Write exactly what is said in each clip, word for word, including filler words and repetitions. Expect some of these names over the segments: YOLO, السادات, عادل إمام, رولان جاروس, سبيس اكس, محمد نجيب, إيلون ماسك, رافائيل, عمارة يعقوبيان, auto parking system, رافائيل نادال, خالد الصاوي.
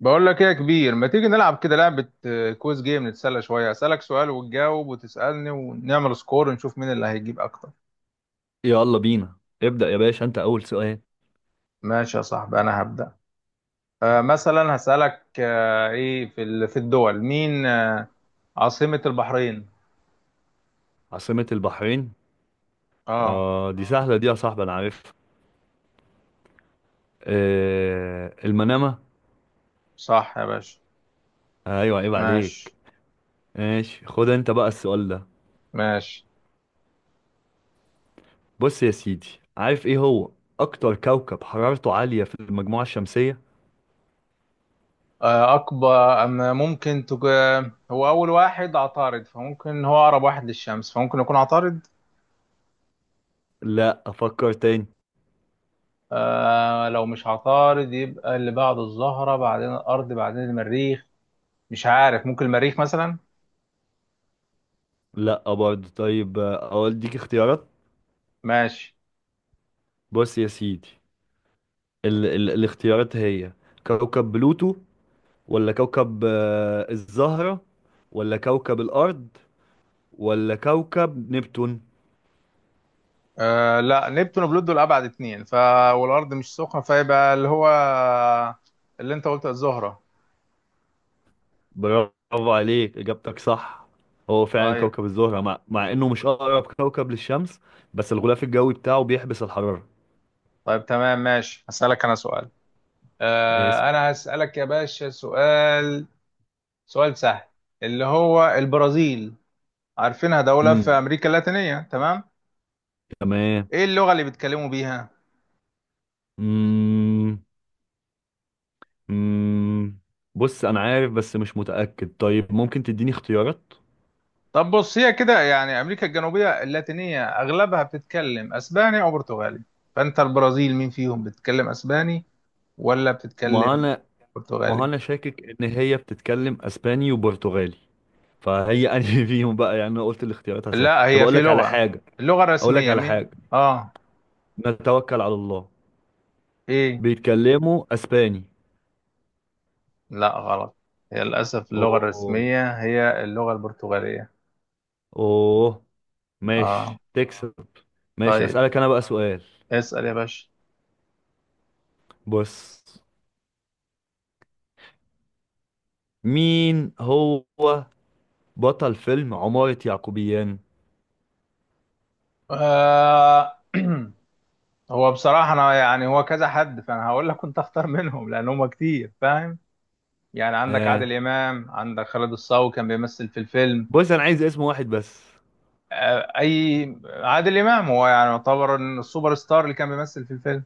بقول لك ايه يا كبير، ما تيجي نلعب كده لعبة آه، كويز جيم نتسلى شوية؟ أسألك سؤال وتجاوب وتسألني ونعمل سكور ونشوف مين اللي هيجيب أكتر. يلا بينا. ابدأ يا باشا، انت اول سؤال. ماشي يا صاحبي، أنا هبدأ. آه مثلا هسألك، آه ايه في ال- في الدول مين، آه عاصمة البحرين. عاصمة البحرين. اه، اه، دي سهلة دي يا صاحبي، انا عارفها. آه، المنامة. صح يا باشا. ايوه، عيب عليك. ماشي ماشي، خد انت بقى السؤال ده. ماشي. بص يا سيدي، عارف ايه هو اكتر كوكب حرارته عالية في المجموعة الشمسية؟ آه أكبر، أما ممكن تج... هو أول واحد عطارد، فممكن هو أقرب واحد للشمس، فممكن يكون عطارد. لا، افكر تاني. آه لو مش عطارد يبقى اللي بعد الزهرة بعدين الأرض بعدين المريخ. مش عارف، ممكن المريخ مثلا. لا برضه. طيب، آه، اقول ديك اختيارات. ماشي. بص يا سيدي، ال ال الاختيارات هي كوكب بلوتو، ولا كوكب آه الزهرة، ولا كوكب الارض، ولا كوكب نبتون؟ آه لا، نبتون وبلوت دول أبعد اتنين ف والأرض مش سخنة، فيبقى اللي هو اللي أنت قلته الزهرة. برافو عليك، إجابتك صح. هو فعلا طيب. كوكب الزهرة، مع, مع إنه مش أقرب كوكب للشمس، بس الغلاف الجوي بتاعه بيحبس الحرارة. طيب تمام، ماشي هسألك أنا سؤال. آه اسأل. أنا هسألك يا باشا سؤال. سؤال سهل. اللي هو البرازيل، عارفينها دولة في امم. أمريكا اللاتينية، تمام؟ تمام. إيه اللغة اللي بيتكلموا بيها؟ امم. امم. بص أنا عارف بس مش متأكد، طيب ممكن تديني اختيارات. طب بص، هي كده يعني امريكا الجنوبيه اللاتينيه اغلبها بتتكلم اسباني او برتغالي. فانت البرازيل مين فيهم؟ بتتكلم اسباني ولا ما بتتكلم أنا ما برتغالي؟ أنا شاكك إن هي بتتكلم أسباني وبرتغالي، فهي أنهي فيهم بقى؟ يعني أنا قلت الاختيارات هسهل. لا، طب هي أقول في لك على لغه، حاجة. اللغه أقول لك الرسميه على مين؟ حاجة. اه. نتوكل على الله. ايه؟ بيتكلموا اسباني. لا، غلط. هي للاسف اللغه اوه. الرسميه هي اللغه البرتغاليه. اوه. اه. ماشي، تكسب. ماشي، طيب، اسالك انا بقى سؤال. اسال يا باشا. بص، مين هو بطل فيلم عمارة يعقوبيان؟ آه. هو بصراحه انا يعني هو كذا حد، فانا هقول لك كنت اختار منهم لان هم كتير، فاهم؟ يعني عندك آه. عادل إمام، عندك خالد الصاوي كان بيمثل في الفيلم. بص، انا عايز اسم واحد بس. آه، أي عادل إمام هو يعني يعتبر إن السوبر ستار اللي كان بيمثل في الفيلم.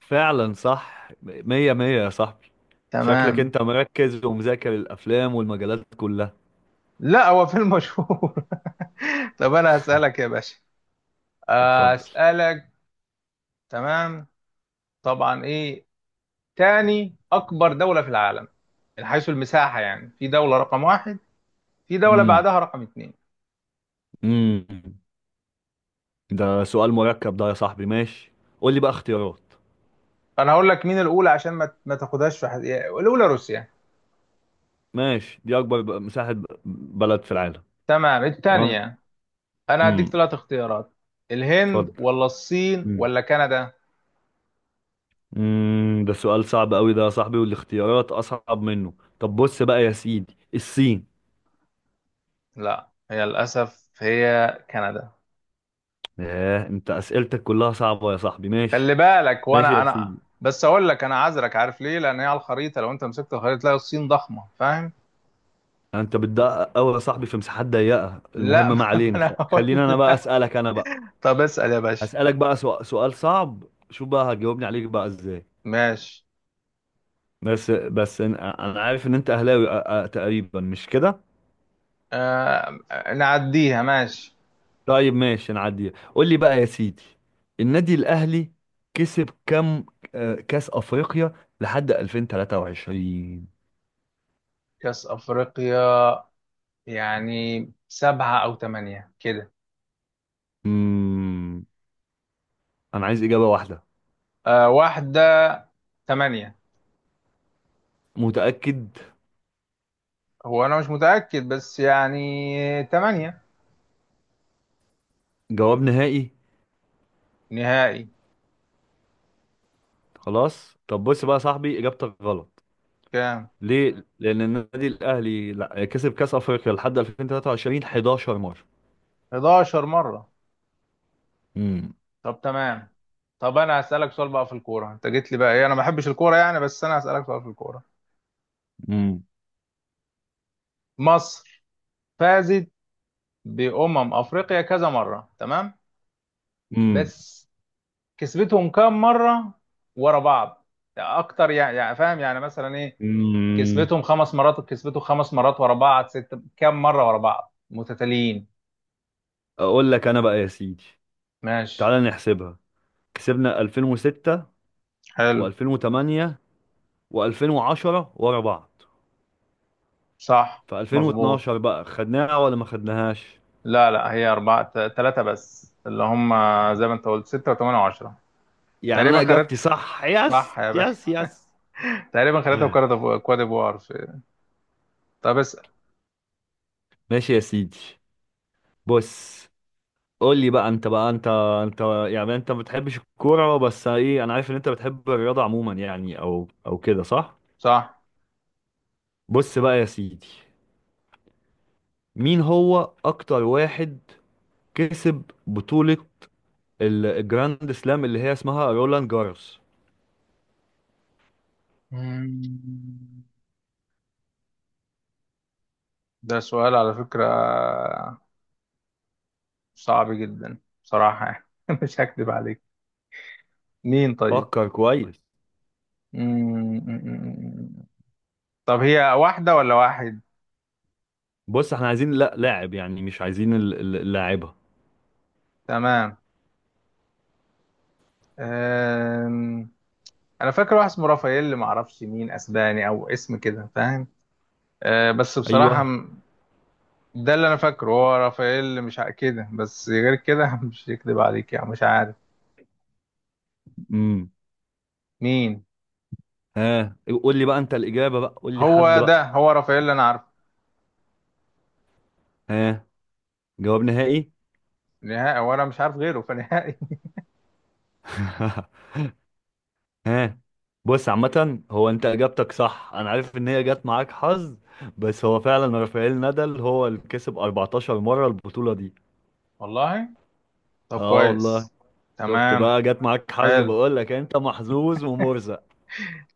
فعلا صح، مية مية يا صاحبي. شكلك تمام. انت مركز ومذاكر الافلام والمجالات كلها. لا، هو فيلم مشهور. طب أنا هسألك يا باشا. آه، اتفضل. أسألك. تمام. طبعا، إيه تاني أكبر دولة في العالم؟ من حيث المساحة يعني، في دولة رقم واحد، في دولة امم. بعدها رقم اتنين. امم. ده سؤال مركب ده يا صاحبي. ماشي، قول لي بقى اختيارات. فأنا هقول لك مين الأولى عشان ما ما تاخدهاش في حد... الأولى روسيا. ماشي، دي اكبر ب- مساحة ب- بلد في العالم. تمام، تمام. الثانية. انا هديك امم. ثلاث اختيارات: الهند اتفضل. ولا الصين مم. ولا كندا؟ امم. ده سؤال صعب قوي ده يا صاحبي، والاختيارات اصعب منه. طب بص بقى يا سيدي، الصين. لا، هي للاسف هي كندا. ياه، انت اسئلتك كلها صعبة يا صاحبي. ماشي. خلي بالك، ماشي وانا يا انا سيدي. بس اقول لك انا عذرك، عارف ليه؟ لان هي على الخريطه، لو انت مسكت الخريطه تلاقي الصين ضخمه، فاهم. انت بتدقق قوي يا صاحبي في مساحات ضيقة. لا. المهم، ما ما علينا. انا خ- هقول خلينا انا بقى لك. اسالك انا بقى. طب اسال يا باشا. هسالك بقى سؤ- سؤال صعب، شوف بقى هتجاوبني عليك بقى ازاي. ماشي. بس بس انا أنا عارف ان انت اهلاوي، أ- أ- تقريبا مش كده؟ آه نعديها ماشي. طيب ماشي، نعديها. قول لي بقى يا سيدي، النادي الاهلي كسب كام آه، كاس افريقيا لحد ألفين وتلاتة وعشرين؟ كاس افريقيا، يعني سبعة او ثمانية كده. امم، انا عايز اجابه واحده. آه واحدة. ثمانية. متاكد؟ هو انا مش متأكد بس يعني، ثمانية. جواب نهائي. نهائي. خلاص، طب بص بقى يا صاحبي، اجابتك غلط. كام؟ ليه؟ لان النادي الاهلي لا كسب كاس افريقيا لحد ألفين وتلاتة وعشرين حداشر مره. 11 مرة. امم. طب تمام. طب انا هسألك سؤال بقى في الكورة، انت جيت لي بقى، ايه، انا ما بحبش الكورة يعني، بس انا هسألك سؤال في الكورة. امم. مصر فازت بأمم افريقيا كذا مرة، تمام. امم. بس كسبتهم كام مرة ورا بعض؟ يعني اكتر، يعني, يعني فاهم، يعني مثلا ايه، امم. كسبتهم خمس مرات كسبتهم خمس مرات ورا بعض، ست كام مرة ورا بعض متتاليين؟ اقول لك انا بقى يا سيدي، ماشي. تعالى نحسبها. كسبنا ألفين وستة حلو. و2008 و2010 ورا بعض. صح في مظبوط. ألفين واتناشر بقى خدناها ولا ما خدناهاش؟ لا لا، هي أربعة، ثلاثة بس اللي هم زي ما أنت قلت، ستة وثمانية وعشرة. يعني انا تقريبا خدت. اجابتي صح. يس صح يا باشا. يس يس. تقريبا خدتها، وكواد كواد ديفوار في- طب اسأل. ماشي يا سيدي. بص، قول لي بقى انت بقى. انت انت يعني انت ما بتحبش الكوره، بس ايه، انا عارف ان انت بتحب الرياضه عموما، يعني او او كده صح؟ صح. بص بقى يا سيدي، مين هو اكتر واحد كسب بطوله ال- الجراند سلام اللي هي اسمها رولان جاروس؟ مم. ده سؤال على فكرة صعب جدا، بصراحة يعني. مش هكذب عليك، مين طيب؟ فكر كويس. مم. طب هي واحدة ولا واحد؟ بص احنا عايزين لا لاعب، يعني مش عايزين ال- ال- اللاعبة. تمام. أم... أنا فاكر واحد اسمه رافائيل، ما أعرفش، مين أسباني أو اسم كده، فاهم؟ أه بس ايوه. بصراحة اه. ده اللي انا فاكره، هو رافائيل، مش ع- كده، بس غير كده مش يكذب عليك يعني، مش عارف امم. مين. ها، قول لي بقى انت الإجابة. بقى قول لي حد هو ده، بقى. هو رافائيل اللي انا عارفه. ها، جواب نهائي. نهائي، وانا مش عارف غيره فنهائي. ها، بص عامة، هو انت اجابتك صح. انا عارف ان هي جت معاك حظ، بس هو فعلا رافائيل نادال هو اللي كسب اربعتاشر مرة البطولة دي. والله. طب اه والله. كويس. شفت تمام. بقى، جت معاك حظ. حلو. بقول لك انت محظوظ ومرزق.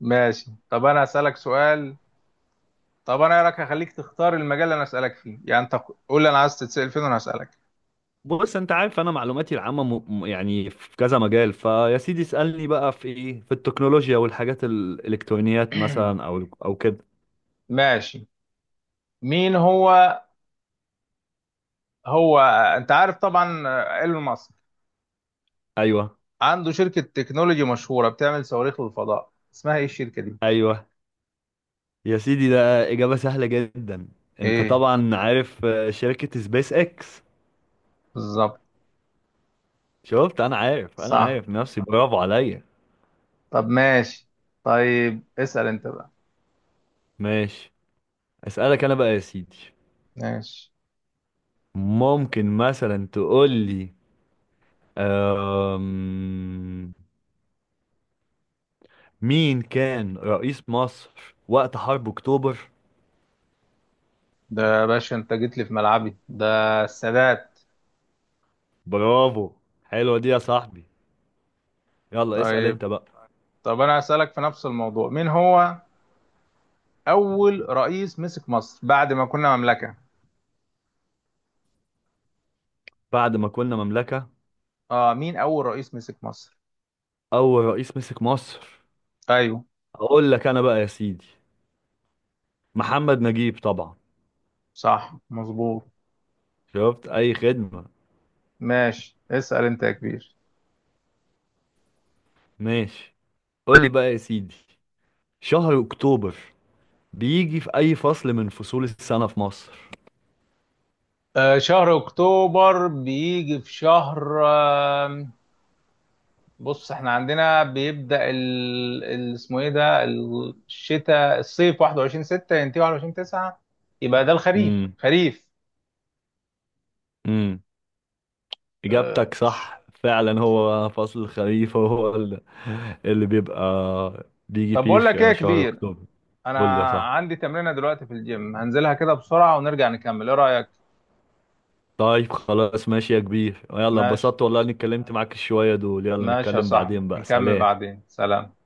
ماشي، طب انا اسالك سؤال. طب انا إيه رايك، هخليك تختار المجال اللي انا اسالك فيه، يعني انت قول لي انا عايز تتسال فين وانا هسالك. بص، انت عارف انا معلوماتي العامه م... م- يعني في كذا مجال، فيا سيدي اسالني بقى في ايه، في التكنولوجيا والحاجات الالكترونيات مثلا او او كده. ماشي. مين هو، هو انت عارف طبعا، آه، ايلون ماسك، ايوه. عنده شركه تكنولوجي مشهوره بتعمل صواريخ للفضاء، اسمها ايه الشركه دي؟ ايوه يا سيدي، ده اجابه سهله جدا. انت ايه. طبعا عارف، آه، شركه سبيس اكس. بالظبط. شفت، انا عارف، انا صح. عارف نفسي. برافو عليا. طب ماشي. طيب اسأل انت بقى. ماشي، اسالك انا بقى يا سيدي. ماشي. ممكن مثلا تقول لي، أم... مين كان رئيس مصر وقت حرب اكتوبر؟ ده يا باشا، انت جيت لي في ملعبي ده: السادات. برافو، حلوة دي يا صاحبي. يلا اسأل طيب. انت بقى. طب انا هسألك في نفس الموضوع، مين هو اول رئيس مسك مصر بعد ما كنا مملكة؟ بعد ما كنا مملكة، اه، مين اول رئيس مسك مصر؟ أول رئيس مسك مصر؟ ايوه. أقول لك أنا بقى يا سيدي، محمد نجيب طبعا. صح مظبوط. شفت، أي خدمة. ماشي، اسأل انت يا كبير. ماشي، قول لي بقى يا سيدي، شهر أكتوبر بيجي في أي فصل من فصول السنة في مصر؟ آه شهر اكتوبر بيجي في شهر، بص احنا عندنا بيبدأ ال... ال... اسمه ايه ده، الشتاء، الصيف واحد وعشرين ستة ينتهي واحد وعشرين تسعة، يبقى ده الخريف، امم. خريف. امم. اه... إجابتك ش- صح، فعلا هو فصل الخريف هو اللي اللي بيبقى بيجي طب فيه بقول لك ايه يا ش- شهر كبير، أكتوبر. قول لي يا انا صاحبي. عندي تمرينة دلوقتي في الجيم هنزلها كده بسرعة ونرجع نكمل، ايه رأيك؟ طيب خلاص ماشي يا كبير، يلا ماشي. اتبسطت والله اني اتكلمت معاك شوية دول. يلا ماشي يا نتكلم صاحبي، بعدين بقى، هنكمل سلام. بعدين سلام.